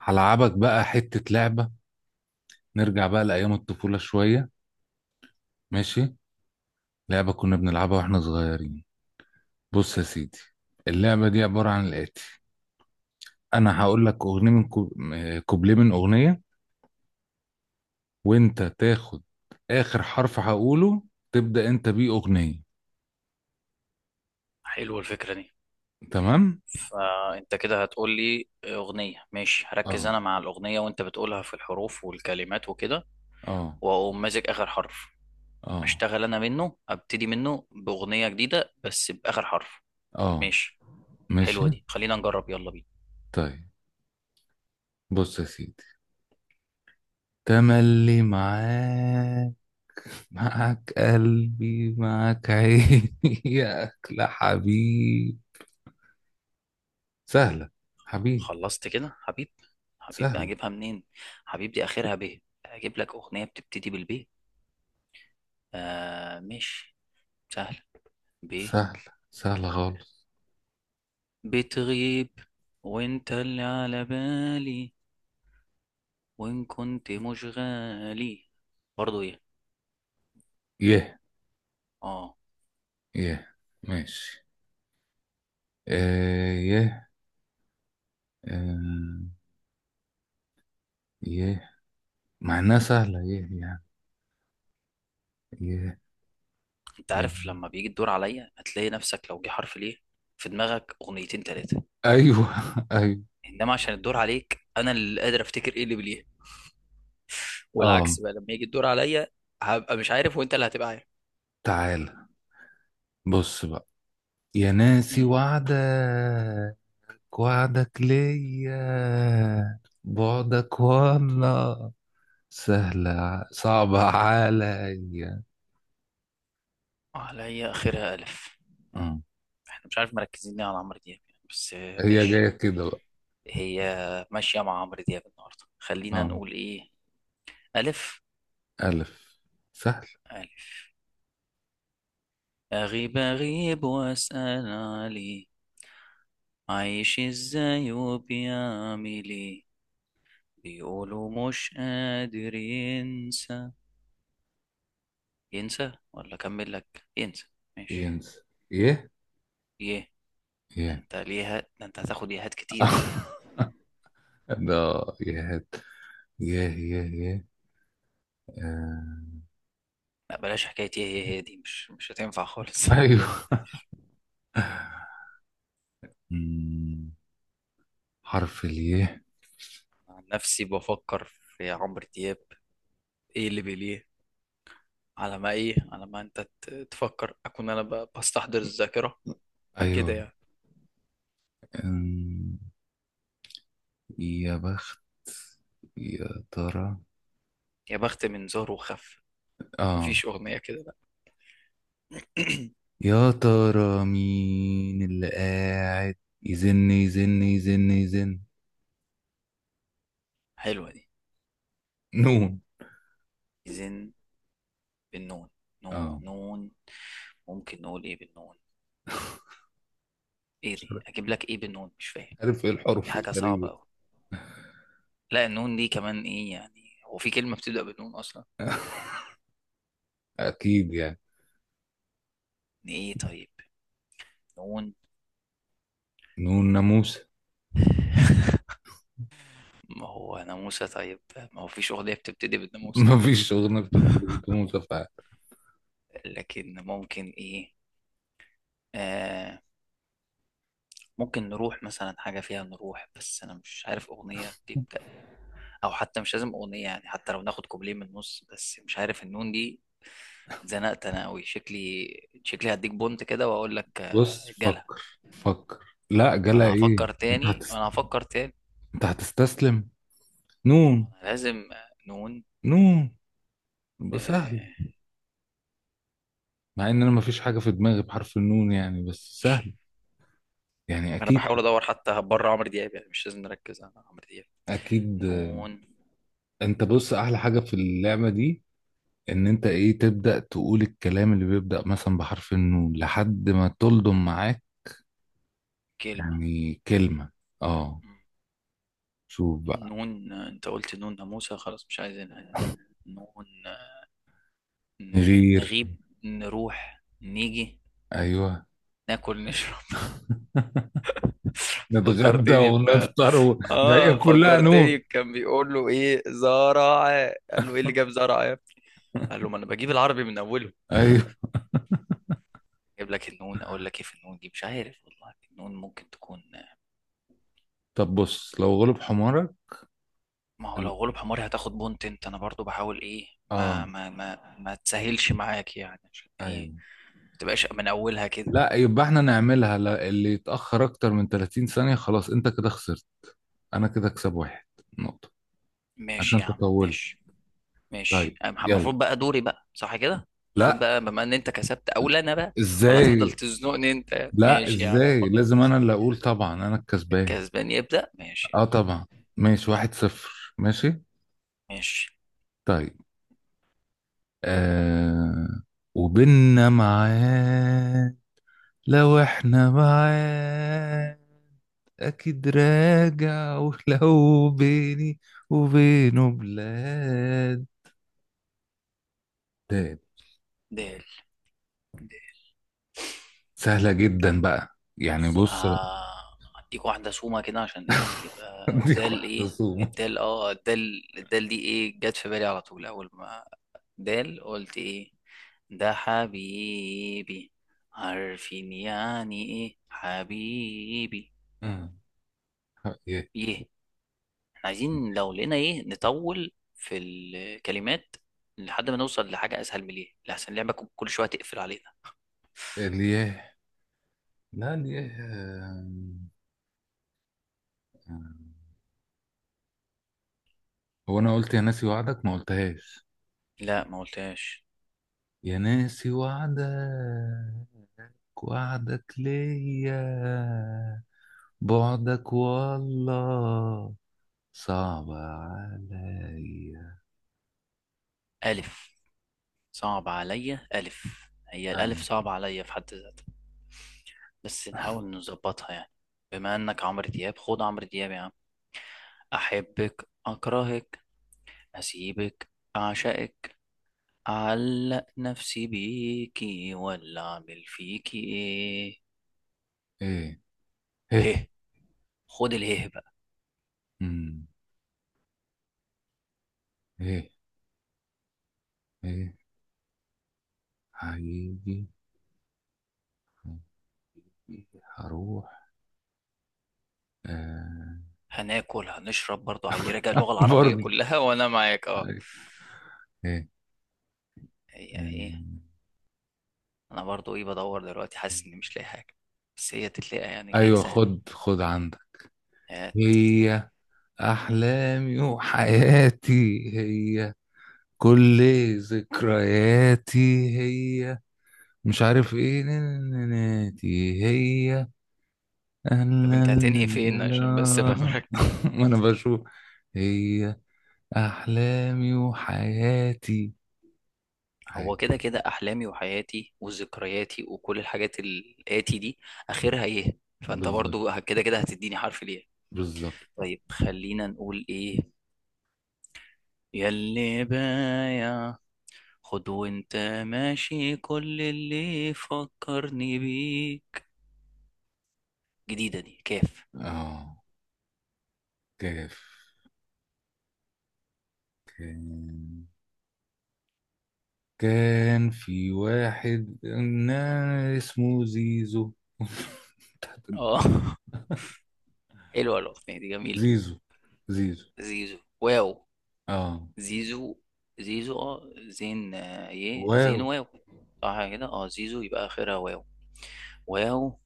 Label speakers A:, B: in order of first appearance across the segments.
A: هلعبك بقى حتة لعبة. نرجع بقى لأيام الطفولة شوية. ماشي. لعبة كنا بنلعبها واحنا صغيرين. بص يا سيدي، اللعبة دي عبارة عن الآتي. أنا هقول لك أغنية من كوبليه من أغنية، وأنت تاخد آخر حرف هقوله تبدأ أنت بيه أغنية.
B: حلوة الفكرة دي.
A: تمام؟
B: فأنت كده هتقول لي أغنية، ماشي، هركز
A: اه،
B: أنا مع الأغنية وأنت بتقولها في الحروف والكلمات وكده،
A: اه،
B: وأقوم ماسك آخر حرف
A: اه،
B: أشتغل أنا منه، أبتدي منه بأغنية جديدة بس بآخر حرف.
A: اه.
B: ماشي،
A: ماشي.
B: حلوة دي، خلينا نجرب، يلا بينا.
A: طيب. بص يا سيدي، تملي معاك، معك قلبي معك عيني. يا أكلة حبيب. سهلة. حبيب
B: خلصت كده حبيب
A: سهلة.
B: هجيبها منين؟ حبيب دي آخرها ب، أجيب لك أغنية بتبتدي بالب. آه ماشي، سهل. ب،
A: سهلة سهلة خالص.
B: بتغيب وأنت اللي على بالي وإن كنت مشغالي، برضه إيه؟
A: يه،
B: آه.
A: يه. ماشي. آه، يه. آه، يه. مع إنها سهلة يه يعني. يه،
B: أنت
A: يه.
B: عارف لما بيجي الدور عليا هتلاقي نفسك لو جه حرف ليه، في دماغك أغنيتين تلاتة،
A: أيوه أيوه.
B: إنما عشان الدور عليك أنا اللي قادر أفتكر إيه اللي بليه.
A: آه.
B: والعكس بقى لما يجي الدور عليا هبقى مش عارف وأنت اللي هتبقى عارف.
A: تعالى، بص بقى، يا ناسي
B: مم.
A: وعدك، وعدك ليا، بعدك والله سهلة صعبة عليا.
B: عليا، آخرها ألف.
A: اه.
B: إحنا مش عارف مركزين ليه على عمرو دياب يعني، بس آه،
A: هي
B: ماشي.
A: جاية كده بقى.
B: هي ماشية مع عمرو دياب النهاردة، خلينا
A: اه.
B: نقول إيه. ألف،
A: ألف. سهل.
B: ألف. أغيب أغيب وأسأل عليه، عايش ازاي وبيعمل ايه، بيقولوا مش قادر ينسى. ينسى، ولا اكمل لك؟ ينسى، ماشي.
A: ينسى. يه.
B: يه،
A: ياه.
B: انت هتاخد يهات كتير كده؟
A: ده يهات. يه، يه، يه. آه.
B: لا بلاش، حكايه ايه هي دي، مش هتنفع خالص.
A: أيوه أمم، حرف اليه.
B: عن نفسي بفكر في عمرو دياب ايه اللي بيليه، على ما ايه، على ما انت تفكر اكون انا بستحضر الذاكره، كده
A: ايوه.
B: يعني.
A: أمم، يا بخت، يا ترى.
B: يا بخت من زهر وخف،
A: اه.
B: مفيش اغنيه كده، لا.
A: يا ترى مين اللي قاعد يزن يزن يزن يزن.
B: حلوه دي،
A: نون.
B: زين، بالنون. نون،
A: اه،
B: نون، ممكن نقول ايه بالنون. ايه دي، اجيب لك ايه بالنون، مش فاهم،
A: عارف ايه
B: دي
A: الحروف
B: حاجه صعبه
A: الغريبة.
B: قوي. لا النون دي كمان ايه يعني، هو في كلمه بتبدا بالنون اصلا؟
A: اكيد يعني.
B: ايه طيب، نون.
A: نون ناموس.
B: ما هو ناموسه طيب، ما هو فيش اغنيه بتبتدي بالناموسه.
A: مفيش اغنية بتبتدي بناموس فعلا.
B: لكن ممكن ايه. آه، ممكن نروح مثلا، حاجة فيها نروح، بس أنا مش عارف أغنية بتبدأ. أو حتى مش لازم أغنية يعني، حتى لو ناخد كوبليه من النص، بس مش عارف النون دي. اتزنقت أنا أوي شكلي، شكلي هديك بونت كده وأقول لك
A: بص،
B: آه، جلا.
A: فكر فكر. لا،
B: ما
A: جالها
B: أنا
A: ايه.
B: هفكر
A: انت
B: تاني،
A: هتست... انت هتستسلم. نون.
B: ما أنا لازم. آه، نون.
A: نون يبقى سهل.
B: آه،
A: مع ان انا مفيش حاجة في دماغي بحرف النون يعني، بس سهل. يعني
B: ما أنا
A: اكيد.
B: بحاول أدور حتى بره عمرو دياب، يعني مش لازم نركز على عمرو دياب.
A: اكيد. آه.
B: نون،
A: انت بص، احلى حاجة في اللعبة دي ان انت ايه، تبدأ تقول الكلام اللي بيبدأ مثلا بحرف النون لحد ما تلضم معاك
B: كلمة.
A: يعني كلمة. اه.
B: مم.
A: شوف بقى.
B: نون. آه، أنت قلت نون ناموسة، خلاص مش عايزينها. نون،
A: نغير.
B: نغيب، نروح، نيجي،
A: ايوه.
B: ناكل، نشرب.
A: نتغدى
B: فكرتني ب،
A: ونفطر ده هي
B: اه
A: كلها نور.
B: فكرتني، كان بيقول له ايه زرع، قال له ايه اللي جاب زرع، قال له ما انا بجيب العربي من اوله.
A: ايوه.
B: اجيب لك النون، اقول لك ايه في النون دي، مش عارف والله، النون ممكن تكون.
A: طب بص، لو غلب حمارك.
B: ما هو
A: ال-
B: لو غلب حماري هتاخد بونت، انت انا برضو بحاول ايه ما
A: اه
B: ما ما ما تسهلش معاك يعني، عشان ايه
A: ايوه.
B: ما تبقاش من اولها كده.
A: لا، يبقى احنا نعملها، لا اللي يتأخر اكتر من 30 ثانية خلاص انت كده خسرت. انا كده اكسب واحد نقطة عشان
B: ماشي يا
A: انت
B: عم،
A: طولت.
B: ماشي. ماشي.
A: طيب
B: أنا المفروض
A: يلا.
B: بقى دوري بقى، صح كده؟ المفروض
A: لا.
B: بقى بما ان انت كسبت اولى، انا بقى، ولا هتفضل
A: ازاي.
B: تزنقني انت؟
A: لا،
B: ماشي يا عم،
A: ازاي، لازم
B: خلاص.
A: انا اللي اقول طبعا، انا الكسبان.
B: الكسبان يبدأ، ماشي يا
A: اه
B: عم.
A: طبعا. ماشي، واحد صفر. ماشي.
B: ماشي.
A: طيب. آه. وبيننا معاد، لو احنا بعاد اكيد راجع، ولو بيني وبينه بلاد. تاني.
B: دال، دال.
A: سهلة جدا بقى يعني.
B: بص
A: بص بقى.
B: آه هديك واحدة سومة كده، عشان ايه يبقى
A: اديك
B: الدال
A: واحدة
B: ايه.
A: صوم.
B: الدال، اه الدال، الدال دي ايه؟ جت في بالي على طول اول ما دال قلت ايه، ده حبيبي. عارفين يعني ايه حبيبي.
A: آه. يه.
B: يه. عايزين لو لقينا ايه نطول في الكلمات لحد ما نوصل لحاجة اسهل، من ايه لحسن اللعبة كل شوية تقفل علينا.
A: الياه. لا، الياه. آه. آه. هو انا قلت يا ناسي وعدك، ما قلتهاش.
B: لا، ما قلتهاش.
A: يا ناسي وعدك، وعدك ليا، بعدك والله صعب عليا.
B: ألف، صعب عليا ألف، هي
A: هاي.
B: الألف صعب عليا في حد ذاتها، بس نحاول نظبطها يعني. بما إنك عمرو دياب، خد عمرو دياب يا عم. أحبك، أكرهك، أسيبك، أعشقك، أعلق نفسي بيكي، ولا أعمل فيكي إيه؟
A: ايه،
B: هه،
A: ايه،
B: خد اله.
A: امم ايه، ايه. هيجي، هيجي، هروح. آه.
B: هناكل، هنشرب، برضو عادي، راجع اللغة العربية
A: برضه.
B: كلها. وانا معاك اه.
A: ايه. إيه.
B: هي ايه؟
A: أمم.
B: انا برضو ايه، بدور دلوقتي، حاسس اني مش لاقي حاجة، بس هي تتلاقى يعني، ليه
A: ايوه.
B: سهلة.
A: خد خد عندك.
B: آه،
A: هي احلامي وحياتي، هي كل ذكرياتي، هي مش عارف ايه نناتي، هي. لا،
B: طب انت
A: لا.
B: هتنهي
A: لا،
B: فين عشان بس ابقى
A: لا.
B: مركز.
A: ما انا بشوف. هي احلامي وحياتي،
B: هو
A: حياتي.
B: كده كده احلامي وحياتي وذكرياتي وكل الحاجات الاتي دي، اخرها ايه؟ فانت
A: بالظبط،
B: برضو كده كده هتديني حرف ليه.
A: بالظبط.
B: طيب خلينا نقول ايه. ياللي بايع، خد وانت ماشي كل اللي فكرني بيه، جديدة دي كاف.
A: اه، كيف. كان كان في واحد اسمه زيزو.
B: اه. حلوة الأغنية دي جميلة.
A: زيزو، زيزو.
B: زيزو، واو.
A: اه.
B: زيزو، زيزو، اه زين، آه، ايه
A: واو.
B: زين، واو. صح كده، اه زيزو يبقى آخرها واو. واو،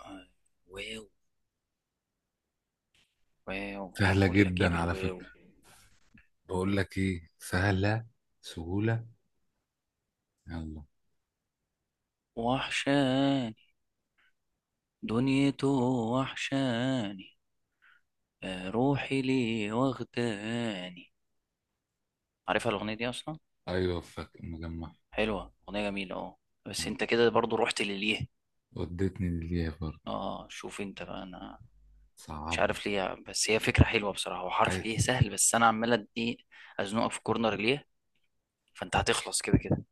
B: آه، واو. واو،
A: سهلة
B: أقول لك ايه
A: جدا على
B: بالواو.
A: فكرة. بقول لك ايه، سهلة. سهولة. يلا.
B: وحشاني دنيته، وحشاني، آه، روحي ليه واخداني، عارفها الأغنية دي أصلا.
A: ايوه فاكر مجمع.
B: حلوة، أغنية جميلة اه.
A: آه.
B: بس انت كده برضو رحت لليه.
A: ودتني للياء برضه.
B: اه شوف انت بقى، انا مش
A: صعبة.
B: عارف ليه يعني، بس هي فكرة حلوة بصراحة، هو حرف
A: عادي.
B: ايه سهل، بس انا عمال ادي ازنقك في كورنر ليه، فانت هتخلص كده كده.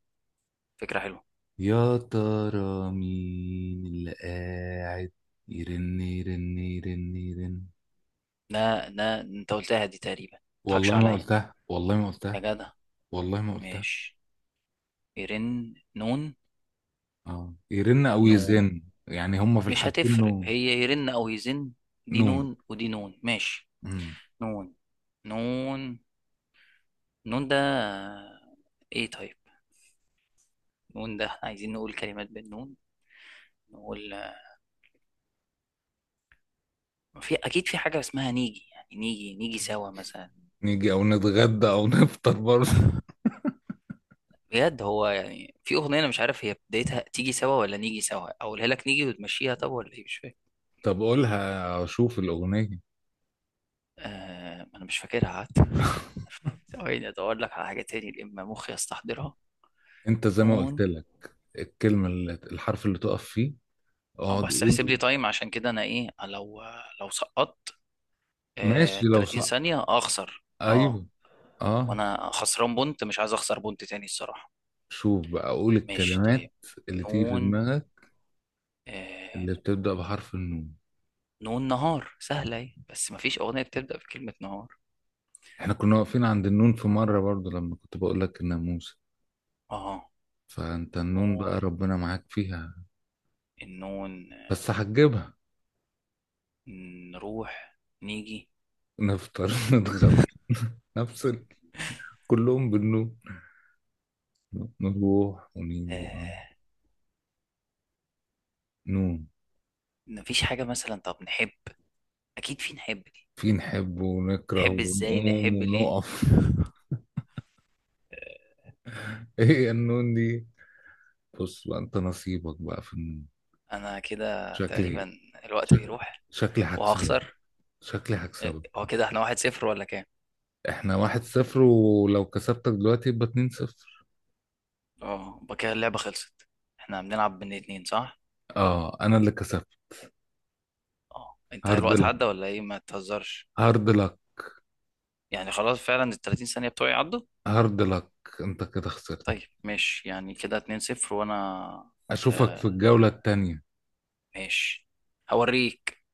B: فكرة حلوة.
A: يا ترى مين اللي قاعد يرن يرن يرن يرن.
B: لا لا، انت قلتها دي تقريبا، متضحكش
A: والله ما
B: عليا
A: قلتها، والله ما
B: يا
A: قلتها،
B: جدع.
A: والله ما قلتها.
B: ماشي. يرن، نون.
A: اه، يرن او
B: نون،
A: يزن يعني، هما في
B: مش
A: الحالتين
B: هتفرق
A: نون.
B: هي يرن او يزن، دي
A: نون.
B: نون ودي نون، ماشي.
A: مم.
B: نون. نون، نون ده، ايه طيب. نون ده احنا عايزين نقول كلمات بالنون، نقول، ما في اكيد في حاجة اسمها نيجي، يعني نيجي نيجي سوا مثلا.
A: نيجي او نتغدى او نفطر برضه.
B: بجد، هو يعني في اغنيه انا مش عارف هي بدايتها تيجي سوا ولا نيجي سوا، اقولها لك نيجي وتمشيها، طب ولا ايه مش فاهم.
A: طب قولها اشوف الاغنية.
B: آه انا مش فاكرها، قعدت. ثواني ادور لك على حاجه تاني لما مخي يستحضرها.
A: انت زي ما قلت
B: نون.
A: لك، الكلمة اللي الحرف اللي تقف فيه،
B: اه
A: اقعد
B: بس احسب لي
A: قول.
B: تايم، عشان كده انا ايه، لو سقطت، آه
A: ماشي لو
B: 30
A: صح.
B: ثانيه اخسر، اه.
A: ايوه. اه.
B: وانا خسران بونت، مش عايز اخسر بونت تاني الصراحه.
A: شوف بقى، قول
B: ماشي طيب،
A: الكلمات اللي تيجي في
B: نون.
A: دماغك
B: آه،
A: اللي بتبدأ بحرف النون.
B: نون، نهار، سهله اهي، بس مفيش اغنيه بتبدا بكلمه نهار.
A: احنا كنا واقفين عند النون في مرة برضو لما كنت بقول لك الناموسة،
B: اه
A: فانت النون
B: نون،
A: بقى ربنا معاك فيها.
B: انه
A: بس هتجيبها.
B: نروح، نيجي.
A: نفطر نتغدى، نفصل، كلهم بالنون. نروح ونيجي.
B: آه،
A: نون.
B: مفيش حاجة مثلا طب نحب، اكيد في نحب دي.
A: في نحب ونكره
B: نحب ازاي،
A: ونقوم
B: نحب ليه.
A: ونقف.
B: آه.
A: ايه النون دي. بص بقى، انت نصيبك بقى في النون.
B: انا كده
A: شكلي
B: تقريبا الوقت
A: شك-
B: بيروح،
A: شكلي هكسبك.
B: وهخسر.
A: شكلي
B: آه،
A: هكسبك.
B: هو كده احنا واحد صفر ولا كام؟
A: احنا واحد صفر، ولو كسبتك دلوقتي يبقى اتنين صفر.
B: اه يبقى كده اللعبة خلصت، احنا بنلعب بين اتنين صح؟
A: اه انا اللي كسبت.
B: اه انت
A: هارد
B: الوقت
A: لك.
B: عدى ولا ايه، ما تهزرش.
A: هارد لك.
B: يعني خلاص فعلا ال 30 ثانية بتوعي عدوا.
A: هارد لك. انت كده خسرت.
B: طيب ماشي، يعني كده 2 0 وانا،
A: اشوفك في
B: آه
A: الجولة التانية.
B: ماشي، هوريك.